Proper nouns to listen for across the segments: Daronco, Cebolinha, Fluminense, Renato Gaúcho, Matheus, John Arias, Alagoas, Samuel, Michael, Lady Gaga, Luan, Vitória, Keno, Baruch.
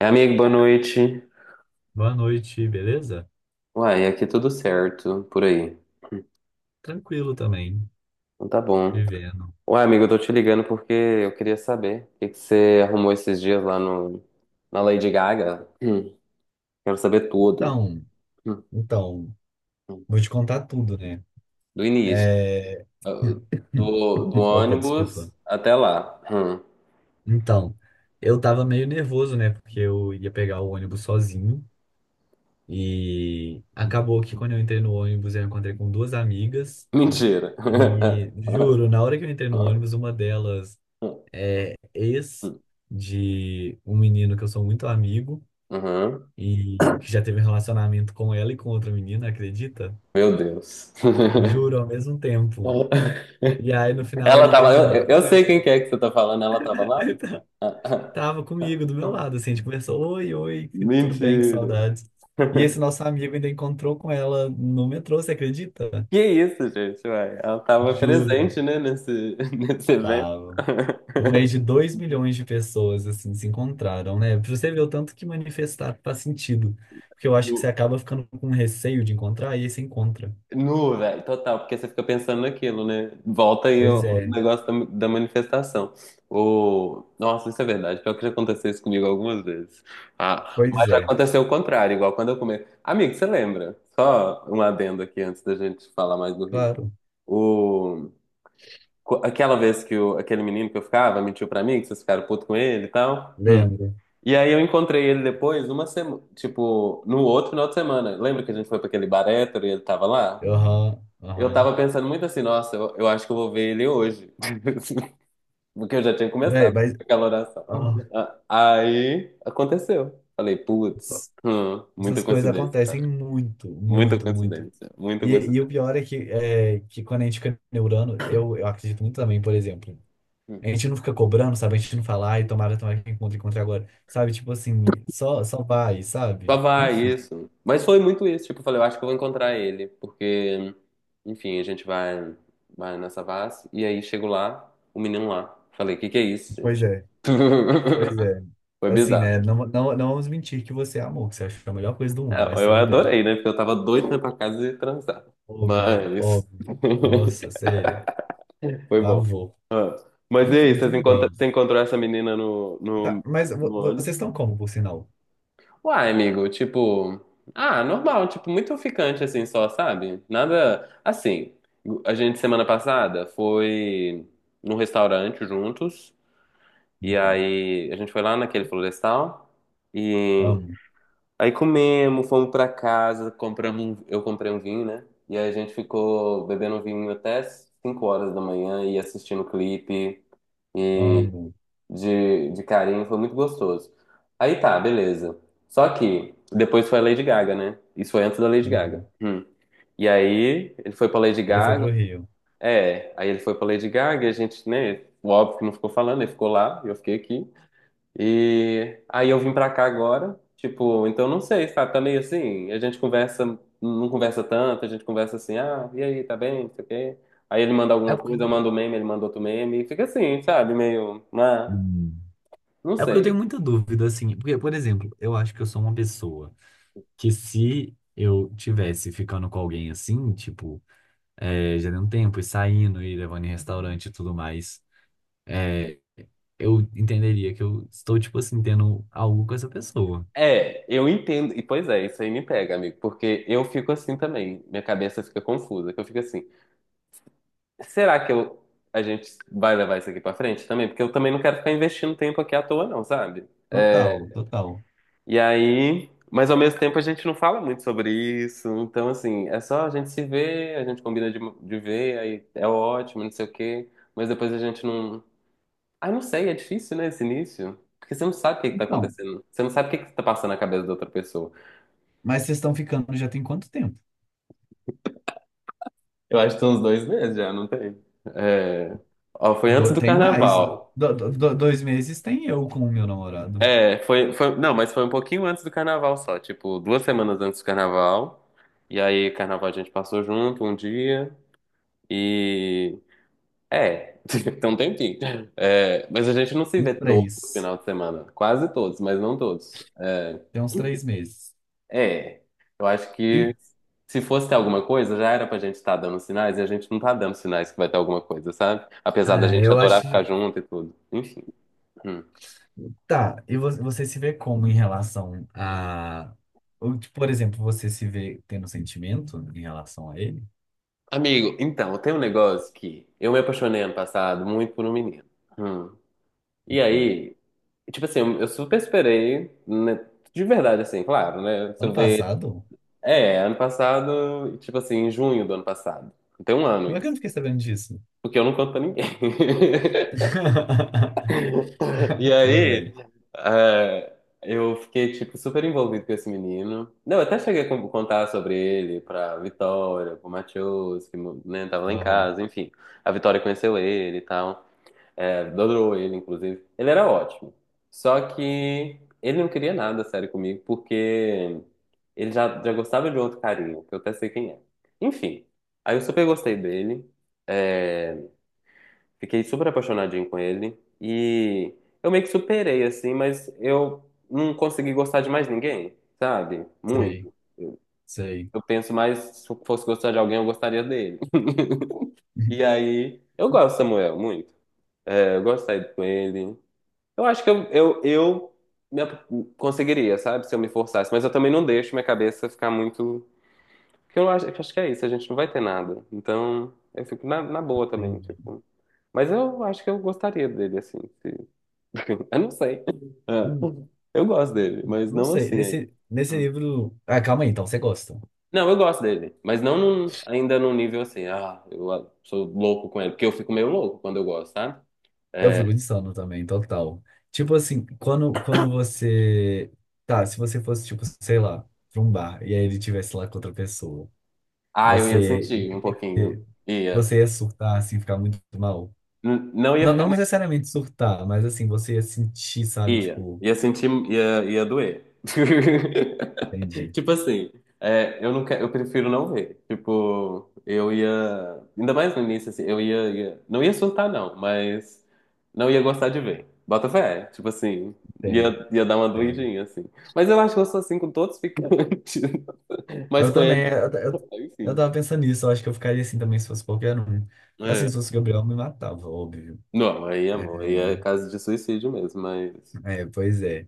É, amigo, boa noite. Boa noite, beleza? Uai, aqui tudo certo, por aí. Tranquilo também, Então tá bom. vivendo. Uai, amigo, eu tô te ligando porque eu queria saber o que que você arrumou esses dias lá no, na Lady Gaga. Quero saber tudo. Então, Hum, então, hum. vou te contar tudo, né? Do início. É... Ah, do Opa, ônibus desculpa. até lá. Hum. Então, eu tava meio nervoso, né? Porque eu ia pegar o ônibus sozinho e acabou que quando eu entrei no ônibus eu encontrei com duas amigas Mentira. e juro, na hora que eu entrei no ônibus, uma delas é ex de um menino que eu sou muito amigo Uhum. e que já teve um relacionamento com ela e com outra menina, acredita? Meu Deus. Juro, ao mesmo tempo. E aí, no final, Ela ele tava. Eu, terminou eu eu com sei quem ela. que é que você tá falando, ela tava Ele lá? tá- Tava comigo, do meu lado, assim, a gente conversou, oi, oi, tudo bem, que Mentira. saudades. E esse nosso amigo ainda encontrou com ela no metrô, você acredita? Que isso, gente, uai. Ela estava Juro, presente, né, nesse, nesse evento. tava. No mês de 2 milhões de pessoas, assim, se encontraram, né? Pra você ver o tanto que manifestar faz sentido. Porque eu acho que você Nu, acaba ficando com receio de encontrar, e aí você encontra. nu, velho, total, porque você fica pensando naquilo, né? Volta aí ó, Pois o é, negócio da manifestação. Nossa, isso é verdade. Pior que já aconteceu isso comigo algumas vezes. Ah, pois mas já é, aconteceu o contrário, igual quando eu comi. Amigo, você lembra? Só um adendo aqui antes da gente falar mais do Rio. claro, O... Aquela vez que aquele menino que eu ficava mentiu pra mim, que vocês ficaram puto com ele e tal. lembro. E aí eu encontrei ele depois, numa semana, tipo, no outro final de semana. Lembra que a gente foi pra aquele bar hétero e ele tava lá? Aham, Eu aham. tava pensando muito assim, nossa, eu acho que eu vou ver ele hoje. Porque eu já tinha Véi, começado mas... aquela oração. Aí aconteceu. Falei, putz, muita Essas coisas coincidência, cara. acontecem muito, Muita muito, muito. coincidência, muita E o coincidência. pior é que quando a gente fica neurando, eu acredito muito também, por exemplo. A gente não fica cobrando, sabe? A gente não fala, ai, tomara, tomara que encontre, encontre agora. Sabe? Tipo assim, só vai, Só sabe? vai, Enfim. isso. Mas foi muito isso. Tipo, eu falei, eu acho que eu vou encontrar ele. Porque, enfim, a gente vai, nessa vase. E aí chego lá, o menino lá. Falei, o que que é isso, Pois gente? é, pois é. Foi Assim, né? bizarro. Não vamos mentir que você amou, que você achou a melhor coisa do É, mundo, mas eu tudo bem. adorei, né? Porque eu tava doido pra ir pra casa e transar. Óbvio, Mas. óbvio. Nossa, sério. Foi bom. Pavor. Ah, mas e aí, Enfim, tudo bem. você encontrou essa menina no, Tá, no, mas no vocês ônibus? estão como, por sinal? Uai, amigo, tipo, ah, normal, tipo, muito ficante assim só, sabe? Nada assim. A gente semana passada foi num restaurante juntos, e Uhum. aí a gente foi lá naquele florestal, e Amo, aí comemos, fomos pra casa, eu comprei um vinho, né? E aí a gente ficou bebendo vinho até 5 horas da manhã e assistindo clipe amo. de carinho, foi muito gostoso. Aí tá, beleza. Só que depois foi a Lady Gaga, né? Isso foi antes da Lady Gaga. Uhum. Hum. E aí ele foi pra Lady Ele foi Gaga. pro Rio. É, aí ele foi pra Lady Gaga e a gente, né? Óbvio que não ficou falando, ele ficou lá, e eu fiquei aqui. E aí eu vim pra cá agora. Tipo, então não sei, sabe? Tá meio assim, a gente conversa, não conversa tanto, a gente conversa assim, ah, e aí, tá bem, não sei o quê. Aí ele manda É alguma porque, coisa, eu mando um meme, ele manda outro meme, e fica assim, sabe? Meio, ah, Hum, não é porque eu sei. tenho muita dúvida, assim. Porque, por exemplo, eu acho que eu sou uma pessoa que se eu tivesse ficando com alguém assim, tipo, é, já deu um tempo e saindo e levando em restaurante e tudo mais, é, eu entenderia que eu estou, tipo assim, tendo algo com essa pessoa. É, eu entendo. E pois é, isso aí me pega, amigo, porque eu fico assim também. Minha cabeça fica confusa, que eu fico assim, será que eu a gente vai levar isso aqui pra frente também? Porque eu também não quero ficar investindo tempo aqui à toa não, sabe? É, Total, total. e aí, mas ao mesmo tempo a gente não fala muito sobre isso. Então assim, é só a gente se ver, a gente combina de ver, aí é ótimo, não sei o quê, mas depois a gente não. Ah, não sei, é difícil, né, esse início? Porque você não sabe o que que tá Então, acontecendo. Você não sabe o que que tá passando na cabeça da outra pessoa. mas vocês estão ficando já tem quanto tempo? Eu acho que tem uns 2 meses já, não tem? É... Ó, foi antes do Tem mais, né? carnaval. Dois meses tem eu com o meu namorado. É, foi, foi. Não, mas foi um pouquinho antes do carnaval só. Tipo, 2 semanas antes do carnaval. E aí, carnaval a gente passou junto um dia. E. É, tem um tempinho. É, mas a gente não se Uns vê todo três. final de semana. Quase todos, mas não todos. É, Tem uns três enfim, meses. é. Eu acho que E, se fosse ter alguma coisa, já era pra gente estar dando sinais e a gente não tá dando sinais que vai ter alguma coisa, sabe? Apesar da ah, gente eu adorar acho. ficar junto e tudo. Enfim. Hum. Tá, e você se vê como em relação a. Ou, tipo, por exemplo, você se vê tendo sentimento em relação a ele? Amigo, então, tem um negócio que eu me apaixonei ano passado muito por um menino. Hum. E Uhum. aí, tipo assim, eu super esperei, né? De verdade, assim, claro, né? Se Ano eu ver. passado? É, ano passado, tipo assim, em junho do ano passado. Tem um ano Como é que eu não isso. fiquei sabendo disso? Porque eu não conto pra ninguém. E Tudo aí, bem. é, eu fiquei, tipo, super envolvido com esse menino. Não, eu até cheguei a contar sobre ele pra Vitória, pro Matheus, que, né, tava lá em Aham. casa, enfim. A Vitória conheceu ele e tal. É, adorou ele, inclusive. Ele era ótimo. Só que ele não queria nada sério comigo, porque ele já gostava de outro carinho, que eu até sei quem é. Enfim, aí eu super gostei dele. é, Fiquei super apaixonadinho com ele. E eu meio que superei, assim, mas eu não consegui gostar de mais ninguém, sabe? Sei, Muito. sei. Eu penso mais, se eu fosse gostar de alguém, eu gostaria dele. E aí, eu gosto do Samuel, muito. É, eu gosto de sair com ele. Eu acho que eu me ap- conseguiria, sabe? Se eu me forçasse. Mas eu também não deixo minha cabeça ficar muito. Porque eu acho que é isso, a gente não vai ter nada. Então, eu fico na boa também, Entendi. tipo. Mas eu acho que eu gostaria dele, assim. Eu não sei. Ah, Hum, eu gosto dele, mas Não não sei. assim aí. Nesse Hum. livro. Ah, calma aí, então, você gosta. Não, eu gosto dele, mas não num- ainda num nível assim, ah, eu sou louco com ele, porque eu fico meio louco quando eu gosto, sabe? Eu É, fico de sono também, total. Tipo assim, quando você. Tá, se você fosse, tipo, sei lá, pra um bar, e aí ele tivesse lá com outra pessoa, ah, eu ia você sentir um pouquinho. ia, Ia. você ia surtar, assim, ficar muito mal. Não ia. Não, não necessariamente surtar, mas assim, você ia sentir, sabe, Ia, tipo, ia sentir, ia doer. entendi, Tipo assim, eu não quero, eu prefiro não ver. Tipo, eu ia, ainda mais no início, assim, eu não ia surtar não, mas não ia gostar de ver. Bota fé, tipo assim, entendo, ia dar uma entendo. doidinha, assim. Mas eu acho que eu sou assim com todos os ficantes, mas Eu com ele, também, eu enfim. tava pensando nisso, eu acho que eu ficaria assim também se fosse qualquer um. Assim, É. se fosse o Gabriel, eu me matava, óbvio. Não, aí, É, amor, aí é caso de suicídio mesmo, mas... é, pois é.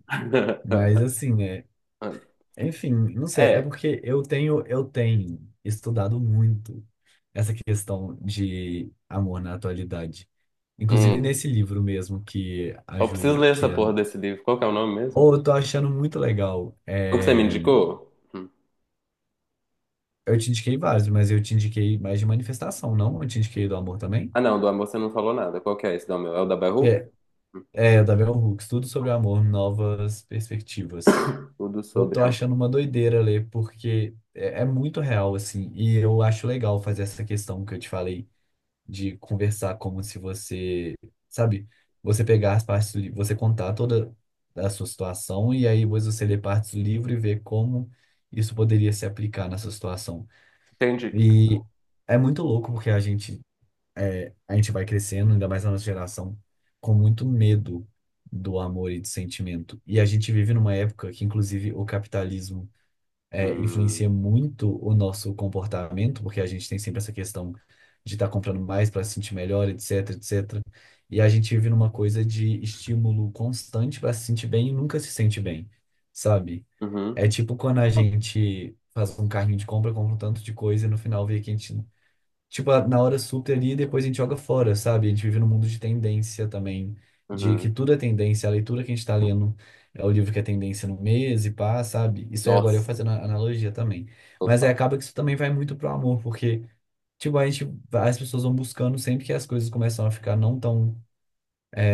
Mas assim, né? Enfim, não sei, é É. porque eu tenho estudado muito essa questão de amor na atualidade. Inclusive Hum. nesse livro mesmo que a Eu preciso Júlia, ler que essa é. porra desse livro. Qual que é o nome mesmo? Oh, eu tô achando muito legal. O que você me É, indicou? Hum. eu te indiquei vários, mas eu te indiquei mais de manifestação, não? Eu te indiquei do amor também. Ah, não, do amor você não falou nada. Qual que é esse do amor? É o da Que Baruch? é, é da Bell Hooks, Tudo sobre o Amor, Novas Perspectivas. O do Eu sobre tô achando amor. uma doideira ler, porque é muito real, assim, e eu acho legal fazer essa questão que eu te falei de conversar como se você, sabe, você pegar as partes do livro, você contar toda a sua situação e aí depois você ler partes do livro e ver como isso poderia se aplicar na sua situação. Entendi. E é muito louco porque a gente vai crescendo, ainda mais na nossa geração, com muito medo do amor e do sentimento. E a gente vive numa época que, inclusive, o capitalismo é, Hum. influencia muito o nosso comportamento, porque a gente tem sempre essa questão de estar comprando mais para se sentir melhor, etc, etc. E a gente vive numa coisa de estímulo constante para se sentir bem e nunca se sente bem, sabe? Uhum, É tipo quando a gente faz um carrinho de compra, compra um tanto de coisa e no final vê que a gente tipo, na hora super ali, depois a gente joga fora, sabe? A gente vive num mundo de tendência também, de que uhum. tudo é tendência, a leitura que a gente tá lendo é o livro que é tendência no mês e pá, sabe? Isso aí agora eu Nossa, fazendo a analogia também. Mas aí total, acaba que isso também vai muito pro amor, porque, tipo, a gente, as pessoas vão buscando sempre que as coisas começam a ficar não tão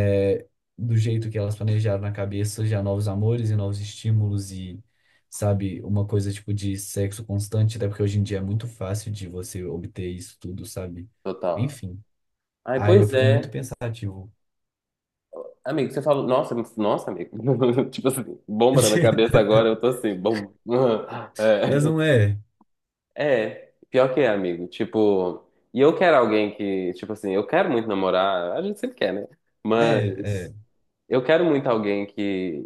é, do jeito que elas planejaram na cabeça, já novos amores e novos estímulos e, sabe, uma coisa tipo de sexo constante, até porque hoje em dia é muito fácil de você obter isso tudo, sabe? total. Enfim. Ai, Aí eu pois fico muito é. pensativo. Amigo, você falou. Nossa, nossa, amigo. Tipo assim, bomba na minha cabeça agora, eu tô assim, bom. Mas É. não é. É, pior que é, amigo. Tipo, e eu quero alguém que, tipo assim, eu quero muito namorar, a gente sempre quer, né? É, é. Mas eu quero muito alguém que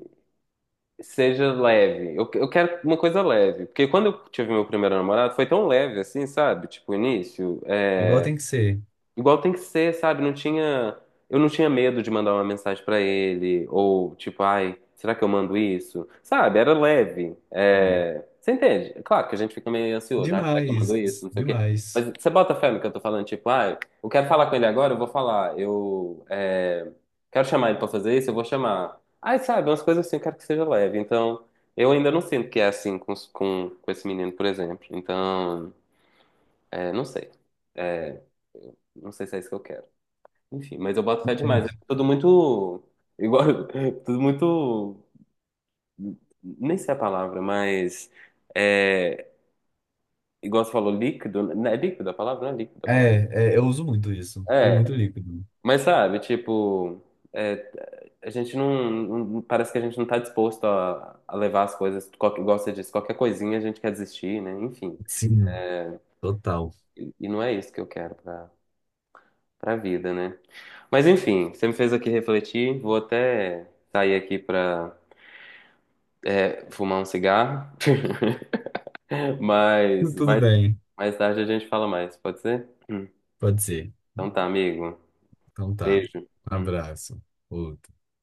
seja leve. Eu quero uma coisa leve. Porque quando eu tive meu primeiro namorado, foi tão leve assim, sabe? Tipo, o início. Igual tem que ser. Igual tem que ser, sabe? Eu não tinha medo de mandar uma mensagem pra ele ou tipo, ai, será que eu mando isso? Sabe? Era leve. É, você entende? É claro que a gente fica meio ansioso, ai, será que eu mando Demais, isso? Não sei o quê. demais. Mas você bota fé no que eu tô falando, tipo, ai, eu quero falar com ele agora, eu vou falar. Eu quero chamar ele pra fazer isso, eu vou chamar. Ai, sabe, umas coisas assim, eu quero que seja leve. Então, eu ainda não sinto que é assim com esse menino, por exemplo. Então, não sei. É, não sei se é isso que eu quero. Enfim, mas eu boto fé demais. É Entendi. tudo muito. Igual. Tudo muito. Nem sei a palavra, mas. É, igual você falou, líquido, né? É líquido a palavra? Não é líquido a palavra. É, é, eu uso muito isso. Tudo É, muito líquido. mas sabe, tipo. é, a gente não, parece que a gente não tá disposto a, levar as coisas. Qualquer, igual você disse, qualquer coisinha a gente quer desistir, né? Enfim. Sim, total. E não é isso que eu quero pra vida, né? Mas enfim, você me fez aqui refletir. Vou até sair aqui pra fumar um cigarro. Mas Tudo mais, bem. mais tarde a gente fala mais, pode ser? Hum. Pode ser. Então tá, amigo. Então tá. Beijo. Um Hum. abraço. Outro.